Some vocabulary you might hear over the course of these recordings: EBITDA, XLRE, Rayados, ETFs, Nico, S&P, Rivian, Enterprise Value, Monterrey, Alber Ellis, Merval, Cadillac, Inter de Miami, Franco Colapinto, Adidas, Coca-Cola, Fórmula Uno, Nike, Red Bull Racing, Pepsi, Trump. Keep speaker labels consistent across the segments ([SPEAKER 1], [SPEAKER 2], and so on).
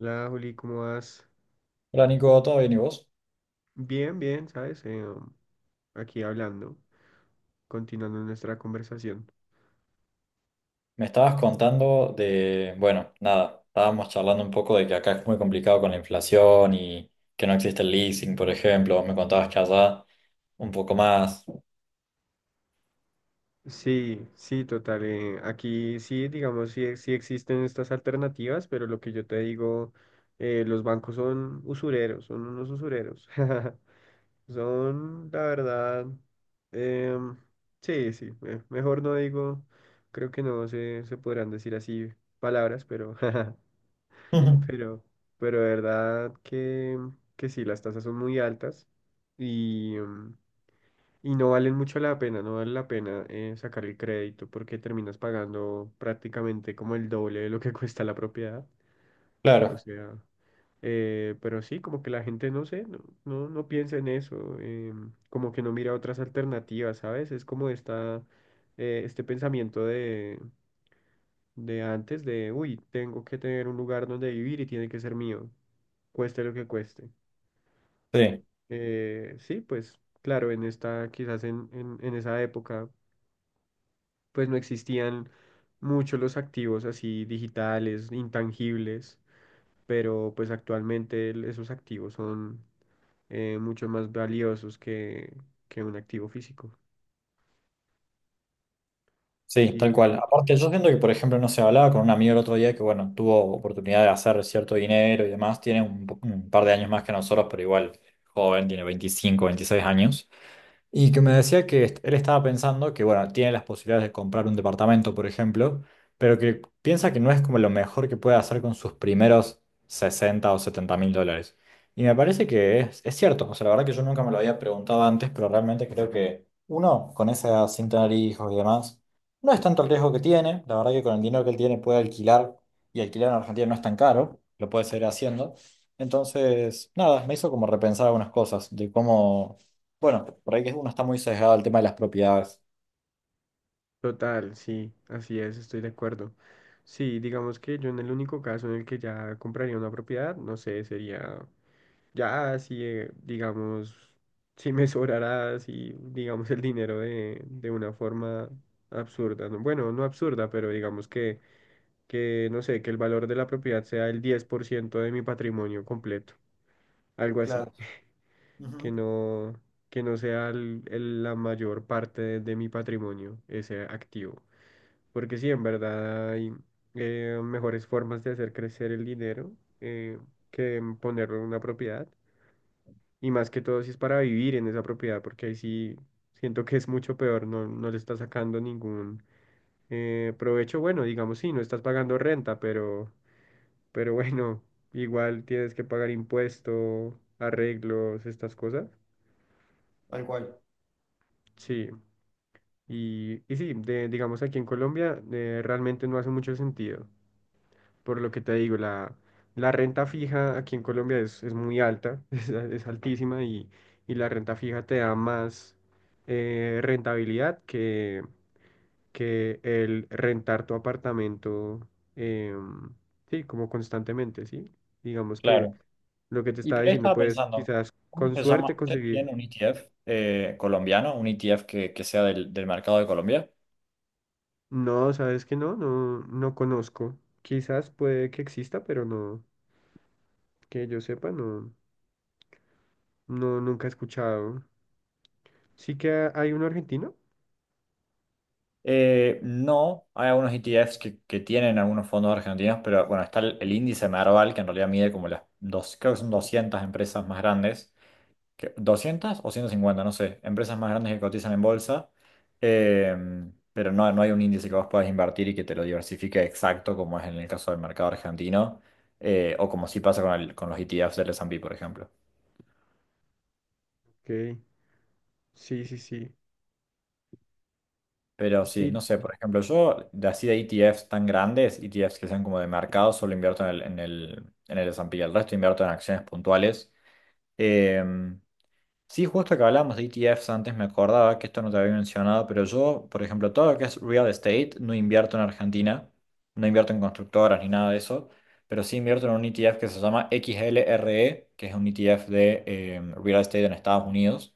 [SPEAKER 1] Hola, Juli, ¿cómo vas?
[SPEAKER 2] Hola Nico, ¿todo bien y vos?
[SPEAKER 1] Bien, bien, ¿sabes? Aquí hablando, continuando nuestra conversación.
[SPEAKER 2] Me estabas contando de, bueno, nada, estábamos charlando un poco de que acá es muy complicado con la inflación y que no existe el leasing, por ejemplo. Me contabas que allá un poco más.
[SPEAKER 1] Sí, sí, total. Aquí sí, digamos, sí, sí existen estas alternativas, pero lo que yo te digo, los bancos son usureros, son unos usureros. Son, la verdad, em, sí, sí, mejor no digo, creo que no se podrán decir así palabras, pero
[SPEAKER 2] Ujú,
[SPEAKER 1] Pero, pero de verdad que, sí, las tasas son muy altas y, y no valen mucho la pena, no vale la pena sacar el crédito porque terminas pagando prácticamente como el doble de lo que cuesta la propiedad. O
[SPEAKER 2] claro,
[SPEAKER 1] sea, pero sí, como que la gente no sé, no piensa en eso, como que no mira otras alternativas, ¿sabes? Es como esta, este pensamiento de, antes de, uy, tengo que tener un lugar donde vivir y tiene que ser mío cueste lo que cueste.
[SPEAKER 2] sí,
[SPEAKER 1] Sí, pues claro, en esta, quizás en, esa época, pues no existían mucho los activos así digitales, intangibles, pero pues actualmente esos activos son mucho más valiosos que, un activo físico,
[SPEAKER 2] sí, tal
[SPEAKER 1] diría.
[SPEAKER 2] cual. Aparte, yo siento que, por ejemplo, no se hablaba con un amigo el otro día que, bueno, tuvo oportunidad de hacer cierto dinero y demás. Tiene un par de años más que nosotros, pero igual joven, tiene 25, 26 años. Y que me decía que él estaba pensando que, bueno, tiene las posibilidades de comprar un departamento, por ejemplo, pero que piensa que no es como lo mejor que puede hacer con sus primeros 60.000 o 70.000 dólares. Y me parece que es cierto, o sea, la verdad que yo nunca me lo había preguntado antes, pero realmente creo que uno, con esa edad, sin tener hijos y demás, no es tanto el riesgo que tiene, la verdad que con el dinero que él tiene puede alquilar, y alquilar en Argentina no es tan caro, lo puede seguir haciendo. Entonces, nada, me hizo como repensar algunas cosas de cómo, bueno, por ahí que uno está muy sesgado al tema de las propiedades.
[SPEAKER 1] Total, sí, así es, estoy de acuerdo. Sí, digamos que yo en el único caso en el que ya compraría una propiedad, no sé, sería. Ya, si, digamos, si me sobrará, si, digamos, el dinero de, una forma absurda, ¿no? Bueno, no absurda, pero digamos que, no sé, que el valor de la propiedad sea el 10% de mi patrimonio completo, algo así,
[SPEAKER 2] Claro. Ujú,
[SPEAKER 1] que no, que no sea la mayor parte de, mi patrimonio, ese activo. Porque sí, en verdad hay mejores formas de hacer crecer el dinero eh, que ponerlo en una propiedad. Y más que todo si es para vivir en esa propiedad, porque ahí sí siento que es mucho peor, no le estás sacando ningún provecho. Bueno, digamos, sí, no estás pagando renta, pero, bueno, igual tienes que pagar impuesto, arreglos, estas cosas.
[SPEAKER 2] tal cual.
[SPEAKER 1] Sí, y, sí, digamos aquí en Colombia realmente no hace mucho sentido. Por lo que te digo, la, renta fija aquí en Colombia es, muy alta, es, altísima y, la renta fija te da más rentabilidad que, el rentar tu apartamento, em, sí, como constantemente, sí. Digamos que
[SPEAKER 2] Claro.
[SPEAKER 1] lo que te
[SPEAKER 2] Y
[SPEAKER 1] estaba
[SPEAKER 2] por ahí
[SPEAKER 1] diciendo,
[SPEAKER 2] estaba
[SPEAKER 1] puedes
[SPEAKER 2] pensando,
[SPEAKER 1] quizás
[SPEAKER 2] ¿cómo
[SPEAKER 1] con
[SPEAKER 2] se llama?
[SPEAKER 1] suerte
[SPEAKER 2] ¿Ustedes
[SPEAKER 1] conseguir.
[SPEAKER 2] tienen un ETF colombiano, un ETF que sea del mercado de Colombia?
[SPEAKER 1] No, sabes que no, no conozco. Quizás puede que exista, pero no, que yo sepa, no, no, nunca he escuchado. Sí que hay un argentino.
[SPEAKER 2] No, hay algunos ETFs que tienen algunos fondos argentinos, pero bueno, está el índice Merval, que en realidad mide como las dos, creo que son 200 empresas más grandes, 200 o 150, no sé, empresas más grandes que cotizan en bolsa, eh, pero no, no hay un índice que vos puedas invertir y que te lo diversifique exacto como es en el caso del mercado argentino, o como sí pasa con los ETFs del S&P, por ejemplo.
[SPEAKER 1] Ok. Sí, sí, sí.
[SPEAKER 2] Pero sí,
[SPEAKER 1] Sí,
[SPEAKER 2] no sé,
[SPEAKER 1] total.
[SPEAKER 2] por ejemplo, yo de así de ETFs tan grandes, ETFs que sean como de mercado, solo invierto en el S&P, el resto invierto en acciones puntuales. Eh, Sí, justo que hablábamos de ETFs antes, me acordaba que esto no te había mencionado, pero yo, por ejemplo, todo lo que es real estate, no invierto en Argentina, no invierto en constructoras ni nada de eso, pero sí invierto en un ETF que se llama XLRE, que es un ETF de real estate en Estados Unidos,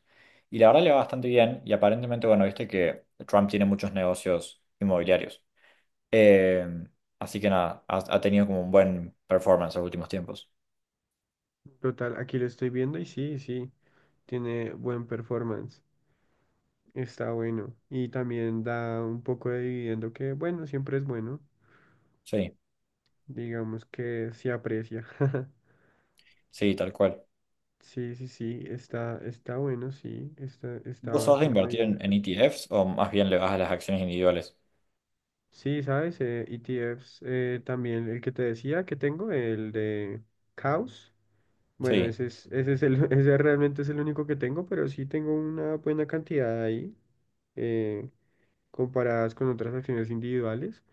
[SPEAKER 2] y la verdad le va bastante bien, y aparentemente, bueno, viste que Trump tiene muchos negocios inmobiliarios, Em, así que nada, ha tenido como un buen performance en los últimos tiempos.
[SPEAKER 1] Total, aquí lo estoy viendo y sí, sí. Tiene buen performance. Está bueno. Y también da un poco de dividendo que, bueno, siempre es bueno.
[SPEAKER 2] Sí,
[SPEAKER 1] Digamos que se aprecia.
[SPEAKER 2] sí, tal cual.
[SPEAKER 1] Sí, sí, sí. Está bueno, sí. Está
[SPEAKER 2] ¿Vos sos de
[SPEAKER 1] bastante
[SPEAKER 2] invertir en,
[SPEAKER 1] bien.
[SPEAKER 2] en ETFs o más bien le vas a las acciones individuales?
[SPEAKER 1] Sí, ¿sabes? ETFs, también el que te decía que tengo, el de Caos. Bueno,
[SPEAKER 2] Sí,
[SPEAKER 1] ese es el, ese realmente es el único que tengo, pero sí tengo una buena cantidad ahí, eh, comparadas con otras acciones individuales.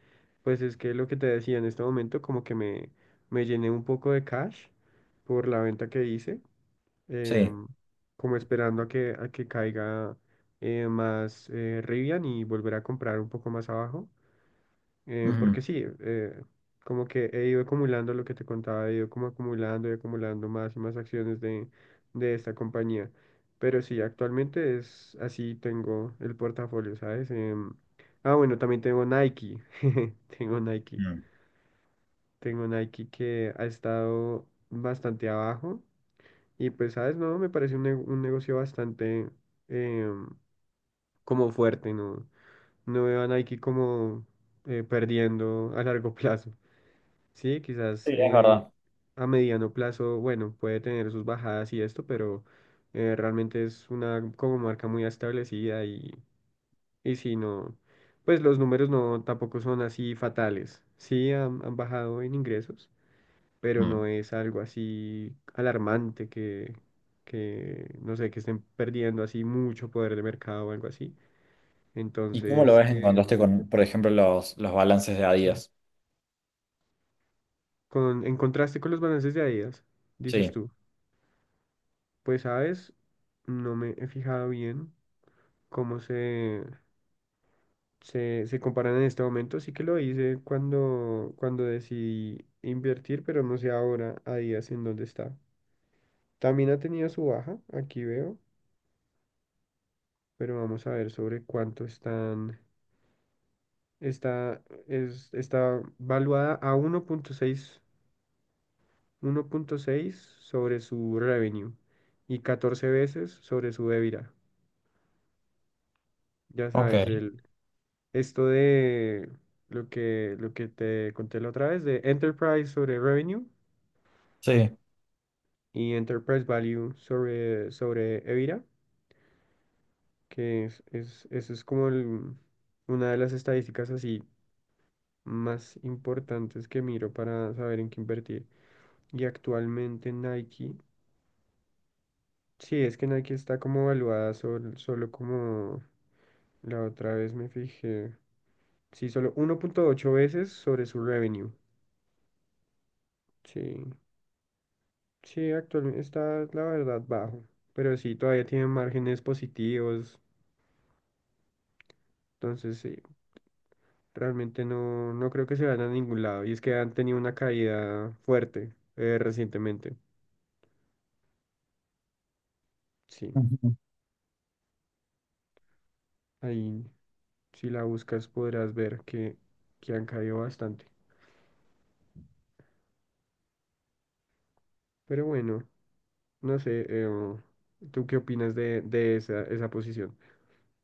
[SPEAKER 1] Pues es que lo que te decía en este momento, como que me, llené un poco de cash por la venta que hice,
[SPEAKER 2] sí.
[SPEAKER 1] em, como esperando a que, caiga más Rivian y volver a comprar un poco más abajo. Eh,
[SPEAKER 2] Ujú,
[SPEAKER 1] porque sí, como que he ido acumulando lo que te contaba, he ido como acumulando y acumulando más y más acciones de, esta compañía. Pero sí, actualmente es así tengo el portafolio, ¿sabes? Bueno, también tengo Nike. Tengo Nike.
[SPEAKER 2] mm.
[SPEAKER 1] Tengo Nike que ha estado bastante abajo. Y pues, ¿sabes? No, me parece un negocio bastante em, como fuerte, ¿no? No veo a Nike como perdiendo a largo plazo. Sí, quizás
[SPEAKER 2] Sí, es verdad.
[SPEAKER 1] a mediano plazo, bueno, puede tener sus bajadas y esto, pero realmente es una como marca muy establecida y, si no, pues los números no tampoco son así fatales. Sí han bajado en ingresos, pero
[SPEAKER 2] Mm.
[SPEAKER 1] no es algo así alarmante que, no sé, que estén perdiendo así mucho poder de mercado o algo así.
[SPEAKER 2] ¿Y cómo lo
[SPEAKER 1] Entonces,
[SPEAKER 2] ves en contraste con, por ejemplo, los balances de Adidas?
[SPEAKER 1] en contraste con los balances de Adidas, dices
[SPEAKER 2] Sí.
[SPEAKER 1] tú. Pues sabes, no me he fijado bien cómo se comparan en este momento. Sí que lo hice cuando, decidí invertir, pero no sé ahora a días en dónde está. También ha tenido su baja, aquí veo, pero vamos a ver sobre cuánto están. Está, está valuada a uno punto seis sobre su revenue y 14 veces sobre su EBITDA. Ya
[SPEAKER 2] Ok,
[SPEAKER 1] sabes, esto de lo que, te conté la otra vez, de Enterprise sobre Revenue
[SPEAKER 2] sí.
[SPEAKER 1] y Enterprise Value sobre, EBITDA, que eso es como una de las estadísticas así más importantes que miro para saber en qué invertir. Y actualmente Nike, sí, es que Nike está como evaluada solo como la otra vez me fijé, sí, solo 1.8 veces sobre su revenue. Sí. Sí, actualmente está, la verdad, bajo, pero sí, todavía tiene márgenes positivos, entonces sí, realmente no, creo que se vayan a ningún lado. Y es que han tenido una caída fuerte recientemente. Sí, ahí, si la buscas, podrás ver que, han caído bastante. Pero bueno, no sé, ¿tú qué opinas de, esa, posición?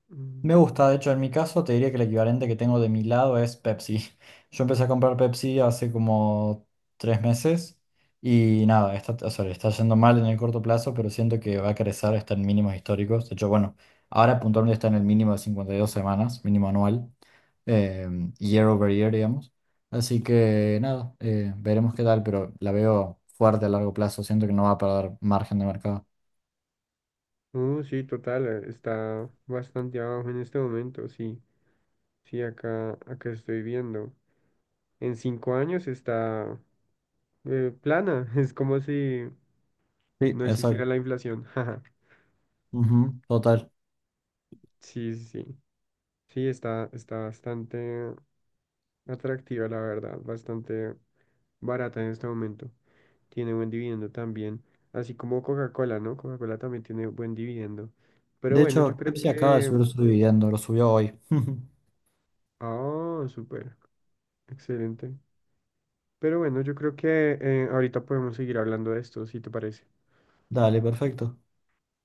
[SPEAKER 1] Mm,
[SPEAKER 2] Me gusta, de hecho, en mi caso te diría que el equivalente que tengo de mi lado es Pepsi. Yo empecé a comprar Pepsi hace como 3 meses y nada, está, o sea, le está yendo mal en el corto plazo, pero siento que va a crecer, está en mínimos históricos. De hecho, bueno, ahora puntualmente está en el mínimo de 52 semanas, mínimo anual, eh, year over year, digamos. Así que nada, veremos qué tal, pero la veo fuerte a largo plazo, siento que no va a perder margen de mercado.
[SPEAKER 1] sí, total, está bastante abajo en este momento, sí, sí, acá, estoy viendo. En 5 años está plana. Es como si
[SPEAKER 2] Sí,
[SPEAKER 1] no
[SPEAKER 2] exacto.
[SPEAKER 1] existiera la inflación. Jaja.
[SPEAKER 2] Ujú, total.
[SPEAKER 1] Sí, sí, sí. Sí, está bastante atractiva, la verdad. Bastante barata en este momento. Tiene buen dividendo también. Así como Coca-Cola, ¿no? Coca-Cola también tiene buen dividendo. Pero
[SPEAKER 2] De
[SPEAKER 1] bueno, yo
[SPEAKER 2] hecho,
[SPEAKER 1] creo
[SPEAKER 2] Pepsi acaba de
[SPEAKER 1] que...
[SPEAKER 2] subir su dividendo, lo subió hoy.
[SPEAKER 1] Ah, súper. Excelente. Pero bueno, yo creo que ahorita podemos seguir hablando de esto, si te parece.
[SPEAKER 2] Dale, perfecto.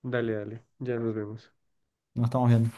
[SPEAKER 1] Dale, dale. Ya nos vemos.
[SPEAKER 2] Nos estamos viendo.